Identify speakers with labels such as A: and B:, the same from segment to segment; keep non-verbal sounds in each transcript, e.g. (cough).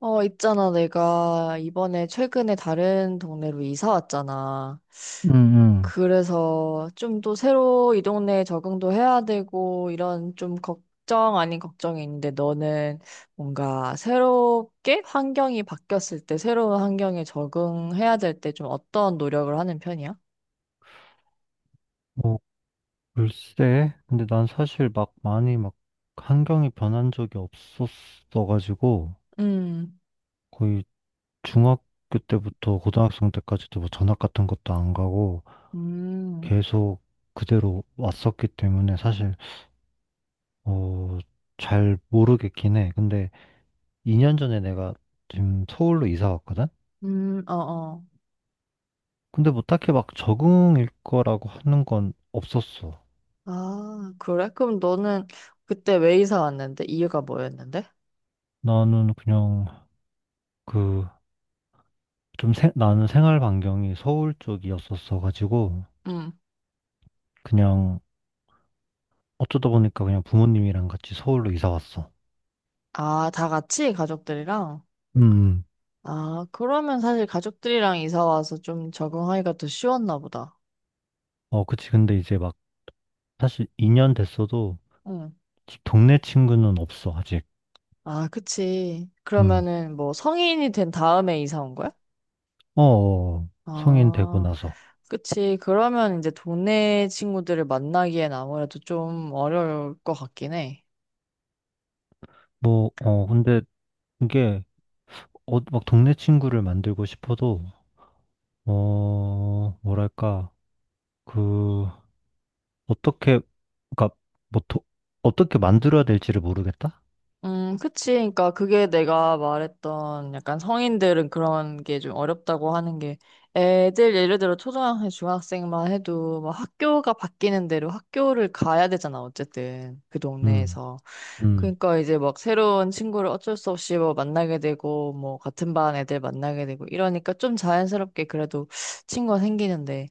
A: 어, 있잖아. 내가 이번에 최근에 다른 동네로 이사 왔잖아.
B: 음, 음.
A: 그래서 좀 또 새로 이 동네에 적응도 해야 되고 이런 좀 걱정 아닌 걱정이 있는데 너는 뭔가 새롭게 환경이 바뀌었을 때 새로운 환경에 적응해야 될 때 좀 어떤 노력을 하는 편이야?
B: 뭐, 글쎄. 근데 난 사실 막 많이 막 환경이 변한 적이 없었어가지고,
A: 음,
B: 거의 중학교 때부터 고등학생 때까지도 뭐 전학 같은 것도 안 가고,
A: 음,
B: 계속 그대로 왔었기 때문에 사실, 어, 잘 모르겠긴 해. 근데 2년 전에 내가 지금 서울로 이사 왔거든?
A: 어, 어.
B: 근데 뭐 딱히 막 적응일 거라고 하는 건 없었어.
A: 아, 그래? 그럼 너는 그때 왜 이사 왔는데? 이유가 뭐였는데?
B: 나는 그냥 그 나는 생활 반경이 서울 쪽이었었어 가지고 그냥 어쩌다 보니까 그냥 부모님이랑 같이 서울로 이사 왔어.
A: 아, 다 같이 가족들이랑?
B: 음.
A: 아, 그러면 사실 가족들이랑 이사 와서 좀 적응하기가 더 쉬웠나 보다.
B: 어, 그치. 근데 이제 막 사실 2년 됐어도
A: 응.
B: 동네 친구는 없어 아직.
A: 아, 그치.
B: 음.
A: 그러면은 뭐 성인이 된 다음에 이사 온 거야?
B: 어, 어, 성인 되고
A: 아,
B: 나서.
A: 그치. 그러면 이제 동네 친구들을 만나기엔 아무래도 좀 어려울 것 같긴 해.
B: 뭐, 어, 근데 이게 막 동네 친구를 만들고 싶어도 뭐랄까 그 어떻게, 그러니까 뭐 도- 어떻게 만들어야 될지를 모르겠다?
A: 그치. 그러니까 그게 내가 말했던 약간 성인들은 그런 게 좀 어렵다고 하는 게 애들 예를 들어 초등학생, 중학생만 해도 막 학교가 바뀌는 대로 학교를 가야 되잖아. 어쨌든 그
B: 음,
A: 동네에서.
B: 음,
A: 그러니까 이제 막 새로운 친구를 어쩔 수 없이 뭐 만나게 되고 뭐 같은 반 애들 만나게 되고 이러니까 좀 자연스럽게 그래도 친구가 생기는데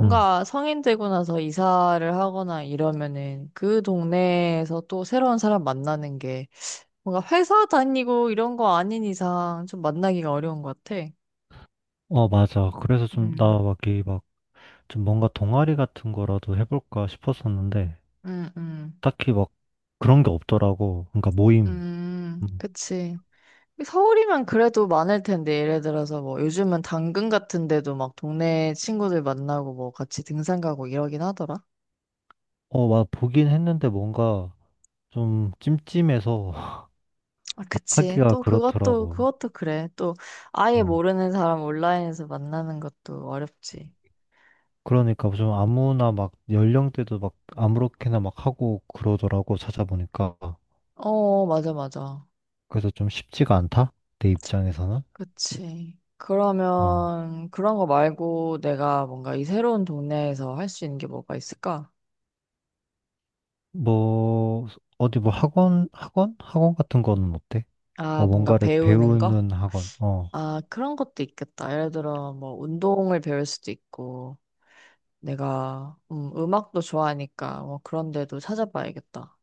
B: 음.
A: 성인 되고 나서 이사를 하거나 이러면은 그 동네에서 또 새로운 사람 만나는 게 뭔가 회사 다니고 이런 거 아닌 이상 좀 만나기가 어려운 것 같아.
B: 어, 맞아. 그래서 좀, 나
A: 음,
B: 막, 이 막, 좀 뭔가 동아리 같은 거라도 해볼까 싶었었는데,
A: 음, 음,
B: 딱히 막, 그런 게 없더라고. 그러니까 모임. 음.
A: 그치. 서울이면 그래도 많을 텐데, 예를 들어서 뭐 요즘은 당근 같은 데도 막 동네 친구들 만나고 뭐 같이 등산 가고 이러긴 하더라.
B: 어, 막 보긴 했는데 뭔가 좀 찜찜해서 (laughs)
A: 아, 그치.
B: 하기가
A: 또 그것도,
B: 그렇더라고.
A: 그것도 그래. 또 아예
B: 어.
A: 모르는 사람 온라인에서 만나는 것도 어렵지.
B: 그러니까 좀 아무나 막 연령대도 막 아무렇게나 막 하고 그러더라고 찾아보니까.
A: 어, 맞아, 맞아.
B: 그래서 좀 쉽지가 않다. 내 입장에서는.
A: 그치.
B: 어.
A: 그러면 그런 거 말고 내가 뭔가 이 새로운 동네에서 할 수 있는 게 뭐가 있을까?
B: 뭐 어디 뭐 학원 같은 거는 어때?
A: 아,
B: 뭐
A: 뭔가
B: 뭔가를
A: 배우는 거?
B: 배우는 학원. 어.
A: 아, 그런 것도 있겠다. 예를 들어 뭐 운동을 배울 수도 있고 내가 음악도 좋아하니까 뭐 그런 데도 찾아봐야겠다.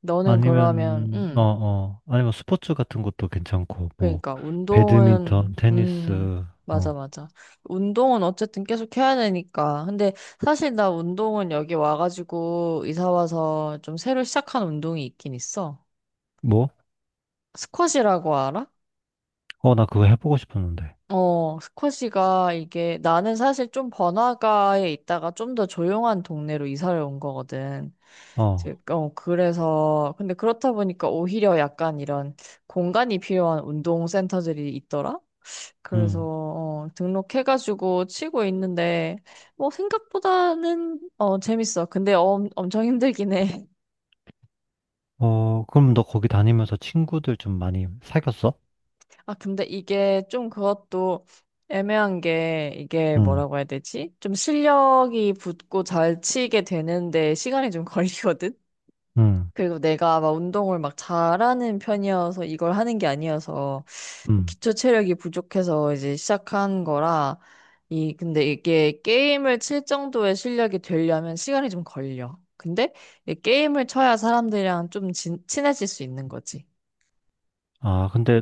A: 너는 그러면
B: 아니면 어 어. 아니면 스포츠 같은 것도 괜찮고 뭐
A: 그러니까
B: 배드민턴,
A: 운동은
B: 테니스
A: 맞아
B: 어.
A: 맞아 운동은 어쨌든 계속 해야 되니까 근데 사실 나 운동은 여기 와가지고 이사 와서 좀 새로 시작한 운동이 있긴 있어
B: 뭐?
A: 스쿼시라고 알아?
B: 어, 나 그거 해보고 싶었는데.
A: 어 스쿼시가 이게 나는 사실 좀 번화가에 있다가 좀 더 조용한 동네로 이사를 온 거거든 이제,
B: 어,
A: 어 그래서 근데 그렇다 보니까 오히려 약간 이런 공간이 필요한 운동 센터들이 있더라 그래서
B: 응.
A: 어, 등록해가지고 치고 있는데 뭐 생각보다는 어, 재밌어. 근데 엄청 힘들긴 해.
B: 어, 그럼 너 거기 다니면서 친구들 좀 많이 사귀었어?
A: (laughs) 아 근데 이게 좀 그것도 애매한 게 이게
B: 응,
A: 뭐라고 해야 되지? 좀 실력이 붙고 잘 치게 되는데 시간이 좀 (laughs) 걸리거든.
B: 응,
A: 그리고 내가 막 운동을 막 잘하는 편이어서 이걸 하는 게 아니어서
B: 응.
A: 기초 체력이 부족해서 이제 시작한 거라 이 근데 이게 게임을 칠 정도의 실력이 되려면 시간이 좀 걸려. 근데 이 게임을 쳐야 사람들이랑 좀 친해질 수 있는 거지.
B: 아, 근데,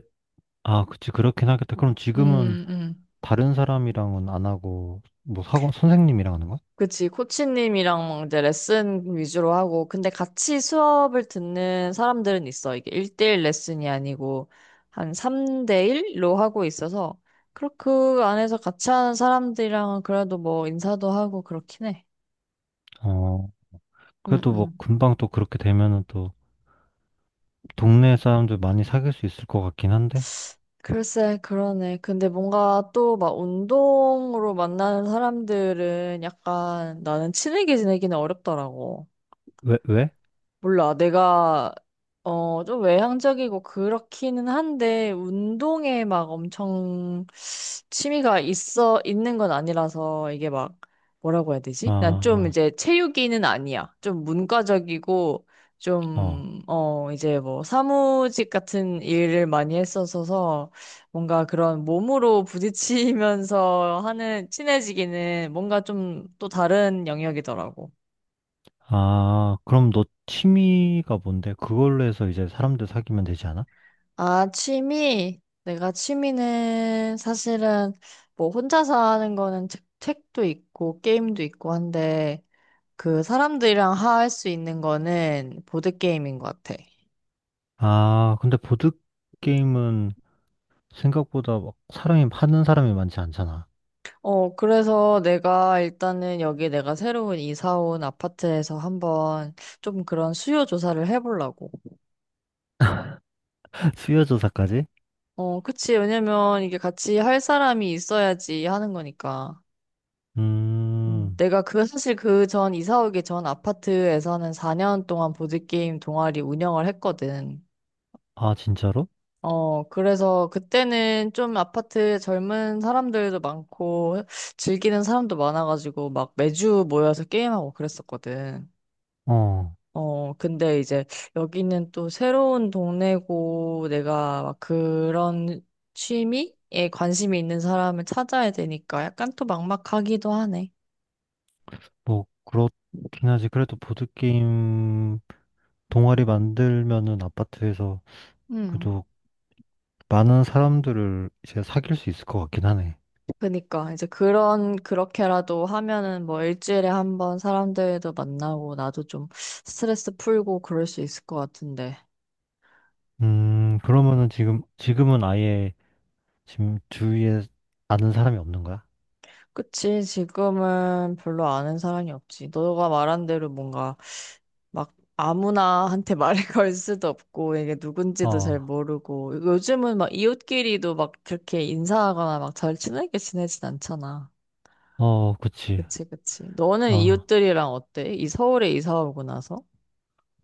B: 아, 그치, 그렇긴 하겠다. 그럼 지금은
A: 음, 음.
B: 다른 사람이랑은 안 하고, 뭐, 사고, 선생님이랑 하는 거야?
A: 그치, 코치님이랑 이제 레슨 위주로 하고, 근데 같이 수업을 듣는 사람들은 있어. 이게 1대1 레슨이 아니고, 한 3대1로 하고 있어서, 그그 안에서 같이 하는 사람들이랑은 그래도 뭐 인사도 하고 그렇긴 해.
B: 어,
A: 응,
B: 그래도 뭐,
A: 응.
B: 금방 또 그렇게 되면은 또, 동네 사람들 많이 사귈 수 있을 것 같긴 한데?
A: 글쎄, 그러네. 근데 뭔가 또 막 운동으로 만나는 사람들은 약간 나는 친하게 지내기는 어렵더라고.
B: 왜, 왜?
A: 몰라. 내가, 어, 좀 외향적이고 그렇기는 한데, 운동에 막 엄청 취미가 있어, 있는 건 아니라서 이게 막 뭐라고 해야 되지? 난
B: 아,
A: 좀
B: 아,
A: 이제 체육이는 아니야. 좀 문과적이고
B: 어.
A: 좀, 어, 이제 뭐 사무직 같은 일을 많이 했었어서 뭔가 그런 몸으로 부딪히면서 하는 친해지기는 뭔가 좀 또 다른 영역이더라고.
B: 아, 그럼 너 취미가 뭔데? 그걸로 해서 이제 사람들 사귀면 되지 않아?
A: 아, 취미? 내가 취미는 사실은 뭐 혼자서 하는 거는 책, 책도 있고 게임도 있고 한데 그 사람들이랑 할 수 있는 거는 보드게임인 것 같아.
B: 아, 근데 보드게임은 생각보다 막 사람이, 하는 사람이 많지 않잖아.
A: 어, 그래서 내가 일단은 여기 내가 새로운 이사 온 아파트에서 한번 좀 그런 수요 조사를 해보려고.
B: (laughs) 수요조사까지?
A: 어, 그치. 왜냐면 이게 같이 할 사람이 있어야지 하는 거니까.
B: 음,
A: 내가 그 (laughs) 사실 그 전 이사 오기 전 아파트에서는 4년 동안 보드게임 동아리 운영을 했거든.
B: 아, 진짜로?
A: 어, 그래서 그때는 좀 아파트 젊은 사람들도 많고 즐기는 사람도 많아가지고 막 매주 모여서 게임하고 그랬었거든.
B: 어,
A: 어, 근데 이제 여기는 또 새로운 동네고 내가 막 그런 취미에 관심이 있는 사람을 찾아야 되니까 약간 또 막막하기도 하네.
B: 뭐, 그렇긴 하지. 그래도 보드게임 동아리 만들면은 아파트에서
A: 음.
B: 그래도 많은 사람들을 이제 사귈 수 있을 것 같긴 하네.
A: 그니까 이제 그런 그렇게라도 하면은 뭐 일주일에 한번 사람들도 만나고 나도 좀 스트레스 풀고 그럴 수 있을 것 같은데.
B: 그러면은 지금은 아예 지금 주위에 아는 사람이 없는 거야?
A: 그치, 지금은 별로 아는 사람이 없지. 너가 말한 대로 뭔가 막 아무나한테 (laughs) 말을 걸 수도 없고, 이게 누군지도
B: 어,
A: 잘 모르고, 요즘은 막 이웃끼리도 막 그렇게 인사하거나 막 잘 친하게 지내진 않잖아.
B: 어, 그치.
A: 그치, 그치. 너는
B: 아,
A: 이웃들이랑 어때? 이 서울에 이사 오고 나서?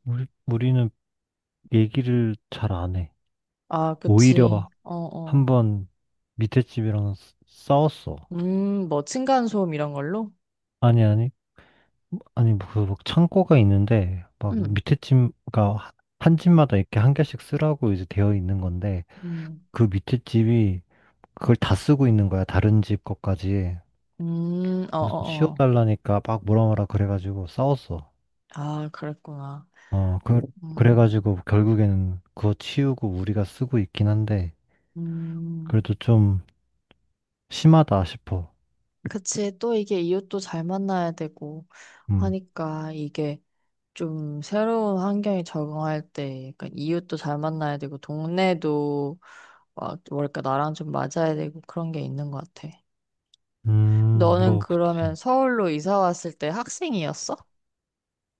B: 우리는 얘기를 잘 안 해.
A: 아,
B: 오히려
A: 그치. 어,
B: 한
A: 어.
B: 번 밑에 집이랑 싸웠어.
A: 뭐 층간소음 이런 걸로?
B: 아니, 아니, 아니, 뭐 그, 막 창고가 있는데, 막
A: 음,
B: 밑에 집, 그니까 한 집마다 이렇게 한 개씩 쓰라고 이제 되어 있는 건데,
A: 음,
B: 그 밑에 집이 그걸 다 쓰고 있는 거야. 다른 집 것까지.
A: 어,
B: 그래서 좀
A: 어, 어.
B: 치워달라니까 막 뭐라 뭐라 그래가지고 싸웠어.
A: 아, 그랬구나.
B: 어, 그,
A: 음,
B: 그래가지고 결국에는 그거 치우고 우리가 쓰고 있긴 한데,
A: 음.
B: 그래도 좀 심하다 싶어.
A: 그치, 또 이게 이웃도 잘 만나야 되고
B: 음,
A: 하니까 이게 좀 새로운 환경에 적응할 때 약간 이웃도 잘 만나야 되고 동네도 막 뭐랄까 나랑 좀 맞아야 되고 그런 게 있는 것 같아. 너는
B: 뭐,
A: 그러면
B: 그치.
A: 서울로 이사 왔을 때 학생이었어?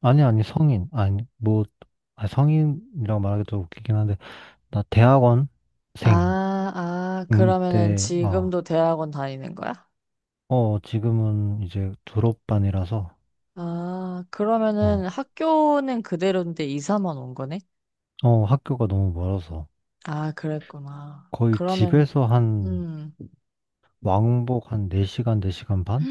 B: 아니, 아니, 성인. 아니, 뭐, 아, 성인이라고 말하기도 웃기긴 한데, 나 대학원생.
A: 아, 아, 그러면은
B: 때, 아,
A: 지금도 대학원 다니는 거야?
B: 어, 지금은 이제 졸업반이라서,
A: 아, 그러면은
B: 어,
A: 학교는 그대로인데 이사만 온 거네?
B: 어, 학교가 너무 멀어서,
A: 아, 그랬구나.
B: 거의
A: 그러면,
B: 집에서 한,
A: 음.
B: 왕복 한 4시간, 4시간 반?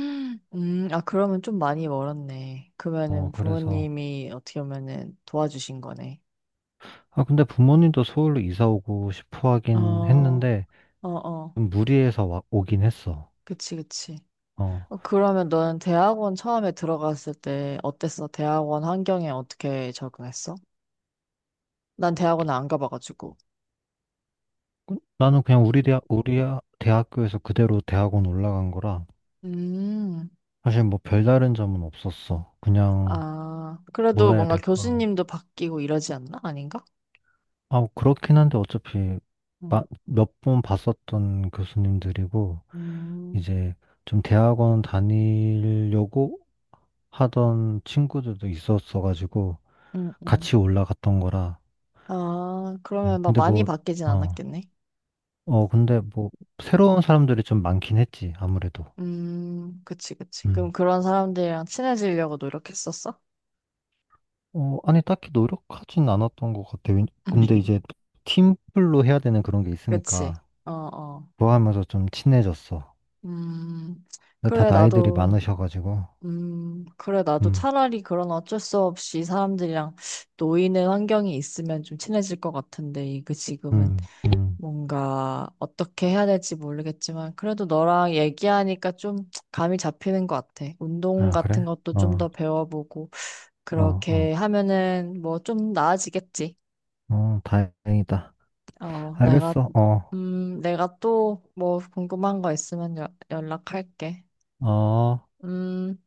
A: 아, 그러면 좀 많이 멀었네.
B: 어,
A: 그러면은
B: 그래서,
A: 부모님이 어떻게 보면은 도와주신 거네.
B: 아, 근데 부모님도 서울로 이사 오고 싶어 하긴
A: 어,
B: 했는데,
A: 어, 어.
B: 좀 무리해서 오긴 했어.
A: 그치, 그치.
B: 어,
A: 어, 그러면 너는 대학원 처음에 들어갔을 때 어땠어? 대학원 환경에 어떻게 적응했어? 난 대학원 안 가봐가지고.
B: 나는 그냥 우리 아, 대학교에서 그대로 대학원 올라간 거라,
A: 음,
B: 사실 뭐 별다른 점은 없었어. 그냥
A: 아, 그래도
B: 뭐라 해야
A: 뭔가
B: 될까.
A: 교수님도 바뀌고 이러지 않나? 아닌가?
B: 아, 뭐 그렇긴 한데 어차피
A: 응,
B: 몇 번 봤었던 교수님들이고,
A: 음,
B: 이제 좀 대학원 다니려고 하던 친구들도 있었어가지고,
A: 음, 음.
B: 같이 올라갔던 거라.
A: 아, 그러면 막
B: 근데
A: 많이
B: 뭐,
A: 바뀌진
B: 어,
A: 않았겠네.
B: 어, 근데 뭐, 새로운 사람들이 좀 많긴 했지, 아무래도.
A: 그치, 그치. 그럼
B: 음.
A: 그런 사람들이랑 친해지려고 노력했었어?
B: 어, 아니, 딱히 노력하진 않았던 것 같아. 근데 이제
A: (laughs)
B: 팀플로 해야 되는 그런 게
A: 그치.
B: 있으니까.
A: 어, 어.
B: 좋아하면서 좀 친해졌어.
A: 음,
B: 근데 다
A: 그래,
B: 나이들이
A: 나도,
B: 많으셔가지고,
A: 그래, 나도
B: 음,
A: 차라리 그런 어쩔 수 없이 사람들이랑 놓이는 환경이 있으면 좀 친해질 것 같은데, 이거 지금은
B: 음, 음.
A: 뭔가 어떻게 해야 될지 모르겠지만, 그래도 너랑 얘기하니까 좀 감이 잡히는 것 같아. 운동
B: 아,
A: 같은
B: 그래?
A: 것도 좀
B: 어,
A: 더 배워보고,
B: 어, 어,
A: 그렇게 하면은 뭐 좀 나아지겠지.
B: 어, 다행이다.
A: 어, 내가,
B: 알겠어, 어,
A: 내가 또 뭐 궁금한 거 있으면 연락할게.
B: 어.
A: 음.